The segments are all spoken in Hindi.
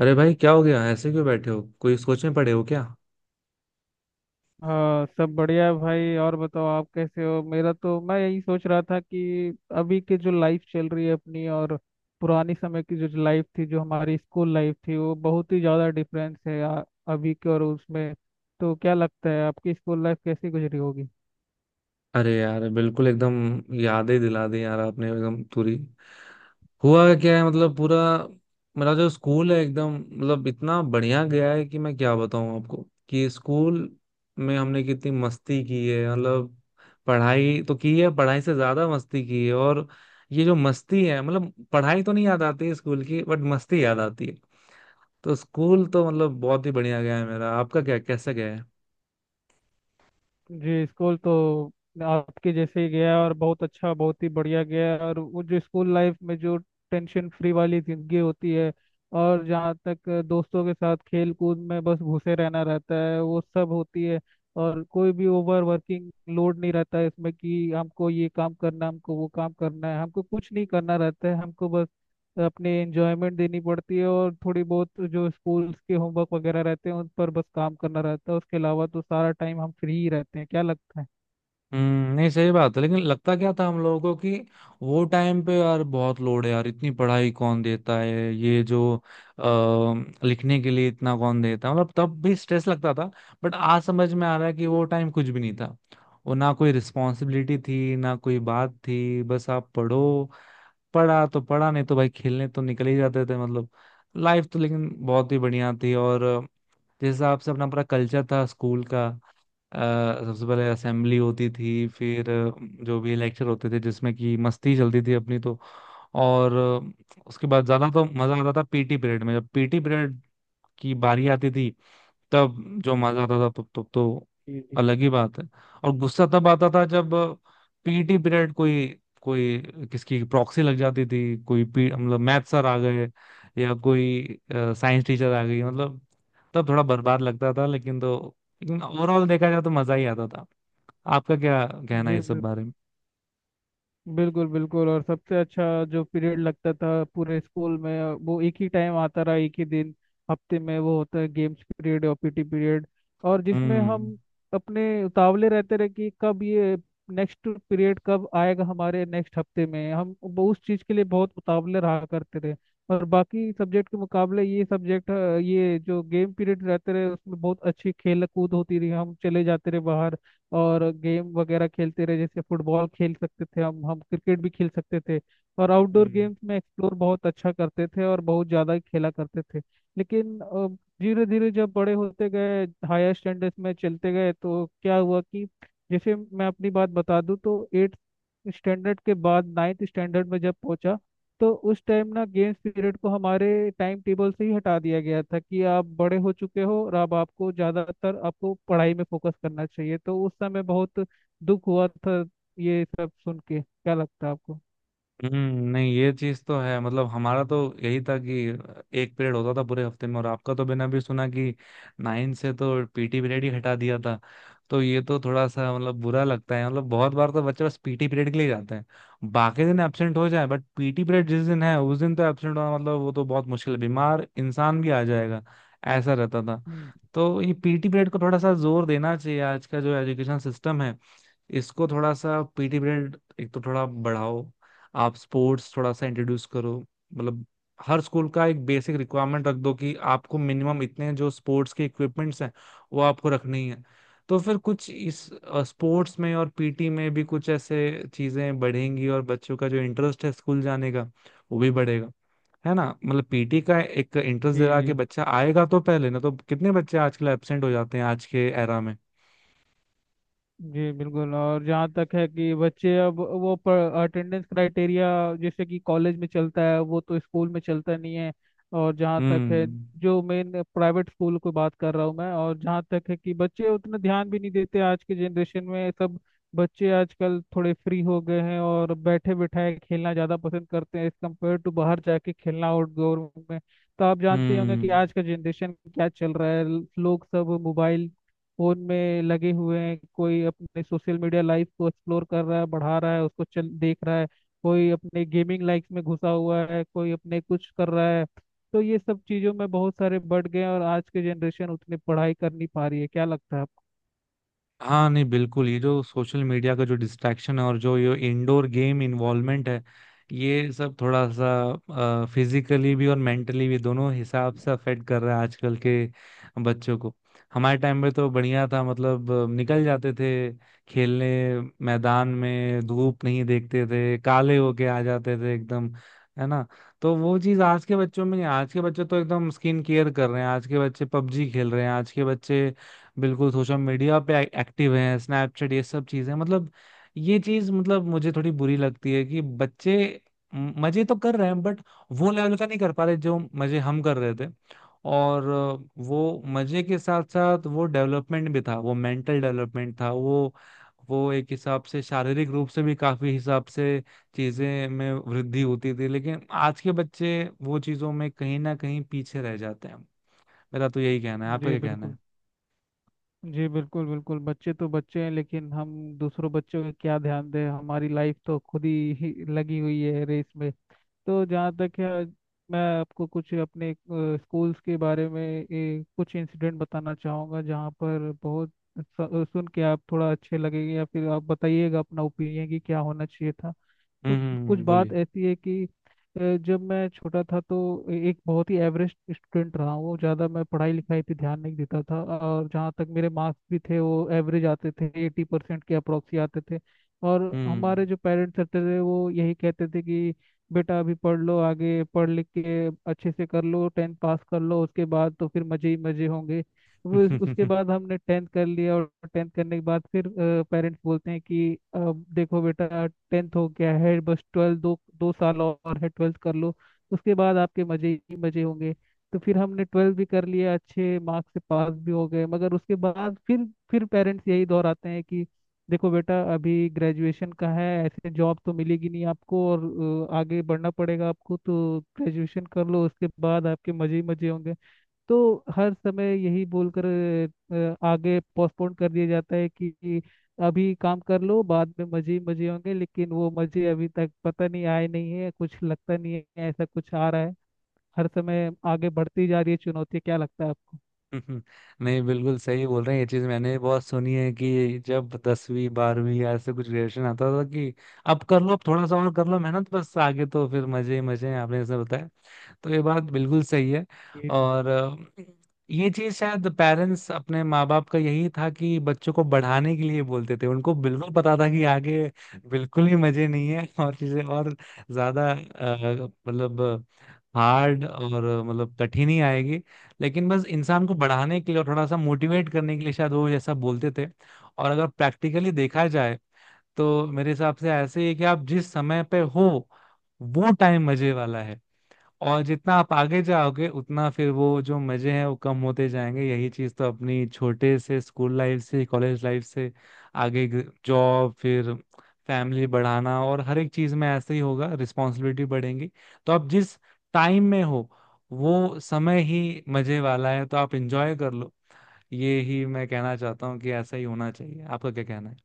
अरे भाई क्या हो गया? ऐसे क्यों बैठे हो? कोई सोच में पड़े हो क्या? हाँ, सब बढ़िया है भाई। और बताओ आप कैसे हो। मेरा तो मैं यही सोच रहा था कि अभी की जो लाइफ चल रही है अपनी, और पुरानी समय की जो लाइफ थी, जो हमारी स्कूल लाइफ थी, वो बहुत ही ज़्यादा डिफरेंस है अभी के और उसमें। तो क्या लगता है, आपकी स्कूल लाइफ कैसी गुजरी होगी। अरे यार, बिल्कुल एकदम यादें दिला दी यार आपने, एकदम पूरी। हुआ क्या है मतलब पूरा। मेरा जो स्कूल है एकदम मतलब इतना बढ़िया गया है कि मैं क्या बताऊं आपको, कि स्कूल में हमने कितनी मस्ती की है मतलब। पढ़ाई तो की है, पढ़ाई से ज्यादा मस्ती की है। और ये जो मस्ती है मतलब, पढ़ाई तो नहीं याद आती है स्कूल की बट मस्ती याद आती है। तो स्कूल तो मतलब बहुत ही बढ़िया गया है मेरा। आपका क्या, कैसा गया है? जी, स्कूल तो आपके जैसे ही गया, और बहुत अच्छा, बहुत ही बढ़िया गया। और वो जो स्कूल लाइफ में जो टेंशन फ्री वाली जिंदगी होती है, और जहाँ तक दोस्तों के साथ खेल कूद में बस घुसे रहना रहता है, वो सब होती है। और कोई भी ओवर वर्किंग लोड नहीं रहता है इसमें कि हमको ये काम करना, हमको वो काम करना है। हमको कुछ नहीं करना रहता है, हमको बस अपनी एंजॉयमेंट देनी पड़ती है। और थोड़ी बहुत जो स्कूल्स के होमवर्क वगैरह रहते हैं, उन पर बस काम करना रहता है। उसके अलावा तो सारा टाइम हम फ्री ही रहते हैं। क्या लगता है। हम्म। नहीं, सही बात है। लेकिन लगता क्या था हम लोगों को कि वो टाइम पे यार बहुत लोड है यार, इतनी पढ़ाई कौन देता है, ये जो लिखने के लिए इतना कौन देता है, मतलब तब भी स्ट्रेस लगता था। बट आज समझ में आ रहा है कि वो टाइम कुछ भी नहीं था। वो ना कोई रिस्पॉन्सिबिलिटी थी ना कोई बात थी, बस आप पढ़ो। पढ़ा तो पढ़ा, नहीं तो भाई खेलने तो निकल ही जाते थे मतलब। लाइफ तो लेकिन बहुत ही बढ़िया थी। और जिस हिसाब से अपना पूरा कल्चर था स्कूल का, अ, सबसे पहले असेंबली होती थी, फिर जो भी लेक्चर होते थे जिसमें कि मस्ती चलती थी अपनी तो। और उसके बाद ज्यादा तो मजा आता था पीटी पीरियड में। जब पीटी पीरियड की बारी आती थी तब जो मजा आता था, तब तब तो जी। जी अलग ही बात है। और गुस्सा तब आता था जब पीटी पीरियड कोई कोई किसकी प्रॉक्सी लग जाती थी। कोई मतलब मैथ सर आ गए या कोई साइंस टीचर आ गई, मतलब तब थोड़ा बर्बाद लगता था। लेकिन ओवरऑल देखा जाए तो मजा ही आता था। आपका क्या कहना है जी, इस सब बिल्कुल बारे में? बिल्कुल बिल्कुल। और सबसे अच्छा जो पीरियड लगता था पूरे स्कूल में, वो एक ही टाइम आता रहा, एक ही दिन हफ्ते में, वो होता है गेम्स पीरियड और पीटी पीरियड। और जिसमें हम अपने उतावले रहते रहे कि कब ये नेक्स्ट पीरियड कब आएगा हमारे, नेक्स्ट हफ्ते में हम वो उस चीज़ के लिए बहुत उतावले रहा करते रहे। और बाकी सब्जेक्ट के मुकाबले ये सब्जेक्ट, ये जो गेम पीरियड रहते रहे, उसमें बहुत अच्छी खेल कूद होती रही। हम चले जाते रहे बाहर और गेम वगैरह खेलते रहे, जैसे फुटबॉल खेल सकते थे हम क्रिकेट भी खेल सकते थे। और आउटडोर हम्म गेम्स में एक्सप्लोर बहुत अच्छा करते थे, और बहुत ज़्यादा खेला करते थे। लेकिन धीरे धीरे जब बड़े होते गए, हायर स्टैंडर्ड्स में चलते गए, तो क्या हुआ कि जैसे मैं अपनी बात बता दूं तो 8 स्टैंडर्ड के बाद 9th स्टैंडर्ड में जब पहुंचा, तो उस टाइम ना गेम्स पीरियड को हमारे टाइम टेबल से ही हटा दिया गया था कि आप बड़े हो चुके हो और अब आपको ज़्यादातर आपको पढ़ाई में फोकस करना चाहिए। तो उस समय बहुत दुख हुआ था। ये सब सुन के क्या लगता है आपको। हम्म। नहीं, ये चीज तो है मतलब। हमारा तो यही था कि एक पीरियड होता था पूरे हफ्ते में, और आपका तो मैंने अभी सुना कि नाइन से तो पीटी पीरियड ही हटा दिया था। तो ये तो थोड़ा सा मतलब बुरा लगता है। मतलब बहुत बार तो बच्चे बस पीटी पीरियड के लिए जाते हैं, बाकी दिन एब्सेंट हो जाए, बट पीटी पीरियड जिस दिन है उस दिन तो एब्सेंट होना मतलब वो तो बहुत मुश्किल है, बीमार इंसान भी आ जाएगा, ऐसा रहता था। हम्म। तो ये पीटी पीरियड को थोड़ा सा जोर देना चाहिए। आज का जो एजुकेशन सिस्टम है इसको, थोड़ा सा पीटी पीरियड एक तो थोड़ा बढ़ाओ। आप स्पोर्ट्स थोड़ा सा इंट्रोड्यूस करो। मतलब हर स्कूल का एक बेसिक रिक्वायरमेंट रख दो कि आपको मिनिमम इतने जो स्पोर्ट्स के इक्विपमेंट्स हैं वो आपको रखनी है। तो फिर कुछ इस स्पोर्ट्स में और पीटी में भी कुछ ऐसे चीजें बढ़ेंगी, और बच्चों का जो इंटरेस्ट है स्कूल जाने का वो भी बढ़ेगा। है ना? मतलब पीटी का एक इंटरेस्ट जी। दिला के जी बच्चा आएगा तो पहले, ना तो कितने बच्चे आजकल एब्सेंट हो जाते हैं आज के एरा में। जी, बिल्कुल। और जहाँ तक है कि बच्चे अब वो अटेंडेंस क्राइटेरिया, जैसे कि कॉलेज में चलता है, वो तो स्कूल में चलता नहीं है। और जहाँ तक है, हम्म जो मेन प्राइवेट स्कूल को बात कर रहा हूँ मैं, और जहाँ तक है कि बच्चे उतना ध्यान भी नहीं देते आज के जनरेशन में। सब बच्चे आजकल थोड़े फ्री हो गए हैं, और बैठे बैठाए खेलना ज़्यादा पसंद करते हैं, एज कम्पेयर टू बाहर जाके खेलना आउटडोर में। तो आप जानते ही होंगे कि हम्म। आज का जनरेशन क्या चल रहा है। लोग सब मोबाइल फोन में लगे हुए हैं, कोई अपने सोशल मीडिया लाइफ को एक्सप्लोर कर रहा है, बढ़ा रहा है, उसको चल देख रहा है, कोई अपने गेमिंग लाइफ में घुसा हुआ है, कोई अपने कुछ कर रहा है। तो ये सब चीज़ों में बहुत सारे बढ़ गए हैं, और आज की जनरेशन उतनी पढ़ाई कर नहीं पा रही है। क्या लगता है आपको। हाँ, नहीं बिल्कुल, ये जो सोशल मीडिया का जो डिस्ट्रैक्शन है और जो ये इंडोर गेम इन्वॉल्वमेंट है, ये सब थोड़ा सा फिजिकली भी और मेंटली भी दोनों हिसाब से अफेक्ट कर रहा है आजकल के बच्चों को। हमारे टाइम में तो बढ़िया था मतलब, निकल जाते थे खेलने, मैदान में, धूप नहीं देखते थे, काले होके आ जाते थे एकदम, है ना? तो वो चीज आज के बच्चों में नहीं। आज के बच्चे तो एकदम स्किन केयर कर रहे हैं, आज के बच्चे पबजी खेल रहे हैं, आज के बच्चे बिल्कुल सोशल मीडिया पे एक्टिव हैं, स्नैपचैट, ये सब चीजें मतलब। ये चीज मतलब मुझे थोड़ी बुरी लगती है कि बच्चे मजे तो कर रहे हैं बट वो लेवल का नहीं कर पा रहे जो मजे हम कर रहे थे। और वो मजे के साथ साथ वो डेवलपमेंट भी था, वो मेंटल डेवलपमेंट था, वो एक हिसाब से शारीरिक रूप से भी काफी हिसाब से चीजें में वृद्धि होती थी। लेकिन आज के बच्चे वो चीजों में कहीं ना कहीं पीछे रह जाते हैं। मेरा तो यही कहना है। आपका जी क्या कहना बिल्कुल। है? जी बिल्कुल बिल्कुल। बच्चे तो बच्चे हैं, लेकिन हम दूसरों बच्चों का क्या ध्यान दें, हमारी लाइफ तो खुद ही लगी हुई है रेस में। तो जहाँ तक है, मैं आपको कुछ अपने स्कूल्स के बारे में कुछ इंसिडेंट बताना चाहूँगा, जहाँ पर बहुत सुन के आप थोड़ा अच्छे लगेंगे, या फिर आप बताइएगा अपना ओपिनियन कि क्या होना चाहिए था। तो कुछ बोलिए। बात ऐसी है कि अ, जब मैं छोटा था तो एक बहुत ही एवरेज स्टूडेंट रहा हूँ। ज़्यादा मैं पढ़ाई लिखाई पे ध्यान नहीं देता था, और जहाँ तक मेरे मार्क्स भी थे, वो एवरेज आते थे, 80% के अप्रोक्सी आते थे। और हम्म। हमारे जो पेरेंट्स रहते थे, वो यही कहते थे कि बेटा अभी पढ़ लो, आगे पढ़ लिख के अच्छे से कर लो, टेंथ पास कर लो, उसके बाद तो फिर मज़े ही मज़े होंगे। वो उसके बाद हमने टेंथ कर लिया, और टेंथ करने के बाद फिर पेरेंट्स बोलते हैं कि अब देखो बेटा टेंथ हो गया है, बस ट्वेल्थ, दो दो साल और है, ट्वेल्थ कर लो, उसके बाद आपके मजे ही मजे होंगे। तो फिर हमने ट्वेल्थ भी कर लिया, अच्छे मार्क्स से पास भी हो गए, मगर उसके बाद फिर पेरेंट्स यही दोहराते हैं कि देखो बेटा, अभी ग्रेजुएशन का है, ऐसे जॉब तो मिलेगी नहीं आपको, और आगे बढ़ना पड़ेगा आपको, तो ग्रेजुएशन कर लो, उसके बाद आपके मजे ही मजे होंगे। तो हर समय यही बोलकर आगे पोस्टपोन कर दिया जाता है कि अभी काम कर लो, बाद में मजे ही मजे होंगे, लेकिन वो मजे अभी तक पता नहीं आए नहीं है, कुछ लगता नहीं है ऐसा कुछ आ रहा है। हर समय आगे बढ़ती जा रही है चुनौती। क्या लगता है आपको। हम्म, नहीं बिल्कुल सही बोल रहे हैं। ये चीज मैंने भी बहुत सुनी है कि जब दसवीं बारहवीं या ऐसे कुछ ग्रेजुएशन आता था कि अब कर लो, अब थोड़ा सा और कर लो मेहनत, बस आगे तो फिर मजे ही मजे हैं, आपने ऐसे बताया। तो ये बात बिल्कुल सही है। जी। और ये चीज शायद पेरेंट्स, अपने माँ बाप का यही था कि बच्चों को बढ़ाने के लिए बोलते थे। उनको बिल्कुल पता था कि आगे बिल्कुल ही मजे नहीं है और चीजें और ज्यादा मतलब हार्ड और मतलब कठिन ही आएगी। लेकिन बस इंसान को बढ़ाने के लिए और थोड़ा सा मोटिवेट करने के लिए शायद वो जैसा बोलते थे। और अगर प्रैक्टिकली देखा जाए तो मेरे हिसाब से ऐसे ही है कि आप जिस समय पे हो वो टाइम मजे वाला है। और जितना आप आगे जाओगे उतना फिर वो जो मजे हैं वो कम होते जाएंगे। यही चीज तो, अपनी छोटे से स्कूल लाइफ से कॉलेज लाइफ से आगे जॉब, फिर फैमिली बढ़ाना, और हर एक चीज में ऐसे ही होगा, रिस्पॉन्सिबिलिटी बढ़ेंगी। तो आप जिस टाइम में हो वो समय ही मजे वाला है, तो आप इंजॉय कर लो। ये ही मैं कहना चाहता हूँ कि ऐसा ही होना चाहिए। आपका क्या कहना है?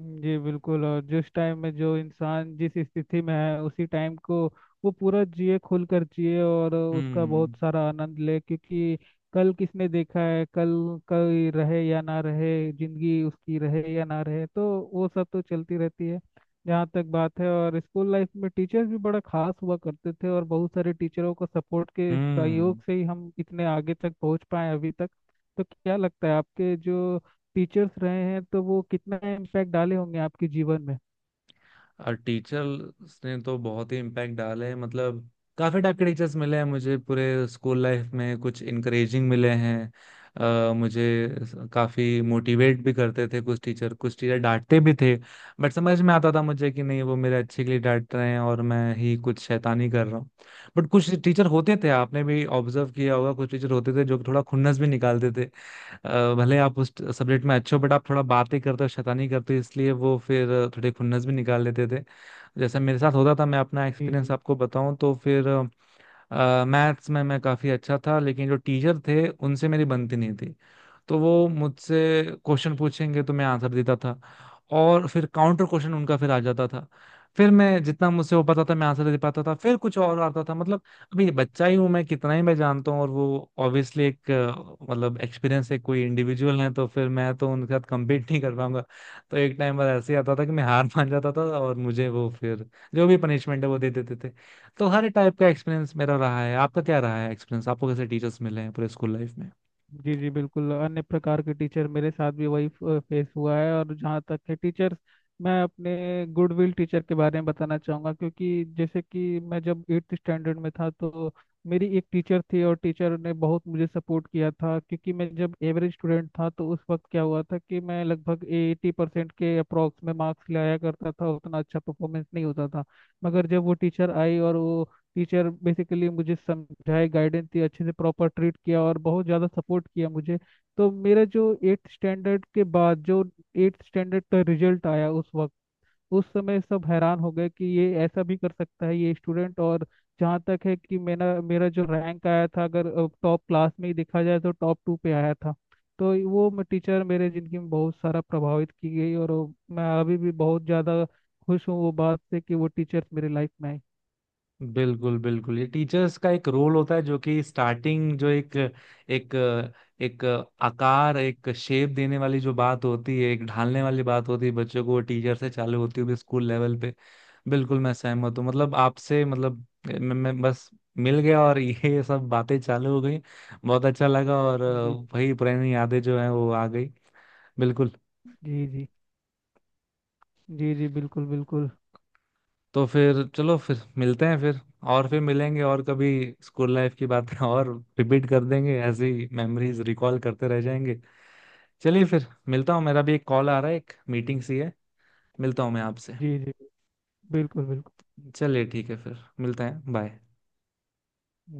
जी बिल्कुल। और जिस टाइम में जो इंसान जिस स्थिति में है, उसी टाइम को वो पूरा जिए, खुल कर जिए, और उसका हम्म बहुत सारा आनंद ले, क्योंकि कल किसने देखा है, कल कल रहे या ना रहे, जिंदगी उसकी रहे या ना रहे, तो वो सब तो चलती रहती है। जहाँ तक बात है, और स्कूल लाइफ में टीचर्स भी बड़ा खास हुआ करते थे, और बहुत सारे टीचरों को सपोर्ट के सहयोग हम्म। से ही हम इतने आगे तक पहुँच पाए अभी तक। तो क्या लगता है, आपके जो टीचर्स रहे हैं तो वो कितना इम्पैक्ट डाले होंगे आपके जीवन में। और टीचर्स ने तो बहुत ही इम्पैक्ट डाला है मतलब। काफी टाइप के टीचर्स मिले हैं मुझे पूरे स्कूल लाइफ में। कुछ इनकरेजिंग मिले हैं, मुझे काफी मोटिवेट भी करते थे कुछ टीचर। कुछ टीचर डांटते भी थे बट समझ में आता था मुझे कि नहीं, वो मेरे अच्छे के लिए डांट रहे हैं और मैं ही कुछ शैतानी कर रहा हूँ। बट कुछ टीचर होते थे, आपने भी ऑब्जर्व किया होगा, कुछ टीचर होते थे जो थोड़ा खुन्नस भी निकालते थे। भले आप उस सब्जेक्ट में अच्छे हो बट आप थोड़ा बातें करते हो, शैतानी करते हो, इसलिए वो फिर थोड़े खुन्नस भी निकाल लेते थे। जैसे मेरे साथ होता था, मैं अपना जी एक्सपीरियंस जी। आपको बताऊं तो फिर मैथ्स में मैं काफ़ी अच्छा था लेकिन जो टीचर थे उनसे मेरी बनती नहीं थी। तो वो मुझसे क्वेश्चन पूछेंगे तो मैं आंसर देता था। और फिर काउंटर क्वेश्चन उनका फिर आ जाता था। फिर मैं जितना मुझसे हो पाता था मैं आंसर दे पाता था, फिर कुछ और आता था मतलब। अभी ये बच्चा ही हूं मैं, कितना ही मैं जानता हूँ, और वो ऑब्वियसली एक मतलब एक्सपीरियंस है, कोई इंडिविजुअल है, तो फिर मैं तो उनके साथ कम्पीट नहीं कर पाऊंगा। तो एक टाइम पर ऐसे ही आता था कि मैं हार मान जाता था और मुझे वो फिर जो भी पनिशमेंट है वो दे देते थे। तो हर टाइप का एक्सपीरियंस मेरा रहा है। आपका क्या रहा है एक्सपीरियंस? आपको कैसे टीचर्स मिले हैं पूरे स्कूल लाइफ? जी जी, बिल्कुल। अन्य प्रकार के टीचर मेरे साथ भी वही फेस हुआ है। और जहाँ तक है टीचर्स, मैं अपने गुडविल टीचर के बारे में बताना चाहूँगा, क्योंकि जैसे कि मैं जब 8th स्टैंडर्ड में था, तो मेरी एक टीचर थी, और टीचर ने बहुत मुझे सपोर्ट किया था। क्योंकि मैं जब एवरेज स्टूडेंट था, तो उस वक्त क्या हुआ था कि मैं लगभग 80% के अप्रॉक्स में मार्क्स लाया करता था, उतना अच्छा परफॉर्मेंस नहीं होता था। मगर जब वो टीचर आई, और वो टीचर बेसिकली मुझे समझाए, गाइडेंस दी, अच्छे से प्रॉपर ट्रीट किया, और बहुत ज़्यादा सपोर्ट किया मुझे। तो मेरा जो 8th स्टैंडर्ड के बाद जो 8th स्टैंडर्ड का रिजल्ट आया उस वक्त, उस समय सब हैरान हो गए कि ये ऐसा भी कर सकता है ये स्टूडेंट। और जहाँ तक है कि मेरा मेरा जो रैंक आया था, अगर टॉप क्लास में ही देखा जाए, तो टॉप 2 पे आया था। तो वो टीचर मेरे जिंदगी में बहुत सारा प्रभावित की गई, और मैं अभी भी बहुत ज़्यादा खुश हूँ वो बात से कि वो टीचर्स मेरे लाइफ में आए। बिल्कुल बिल्कुल, ये टीचर्स का एक रोल होता है जो कि स्टार्टिंग जो एक एक एक आकार, एक शेप देने वाली जो बात होती है, एक ढालने वाली बात होती है बच्चों को, वो टीचर से चालू होती हुई स्कूल लेवल पे। बिल्कुल मैं सहमत हूँ मतलब आपसे। मतलब मैं बस मिल गया और ये सब बातें चालू हो गई। बहुत अच्छा लगा। और जी। वही पुरानी यादें जो हैं वो आ गई। बिल्कुल। जी जी। जी जी, बिल्कुल बिल्कुल। तो फिर चलो फिर मिलते हैं फिर। और फिर मिलेंगे, और कभी स्कूल लाइफ की बातें और रिपीट कर देंगे, ऐसे ही मेमोरीज रिकॉल करते रह जाएंगे। चलिए फिर मिलता हूँ, मेरा भी एक कॉल आ रहा है, एक मीटिंग सी है। मिलता हूँ मैं आपसे। जी जी, बिल्कुल बिल्कुल। चलिए ठीक है, फिर मिलते हैं, बाय।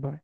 बाय।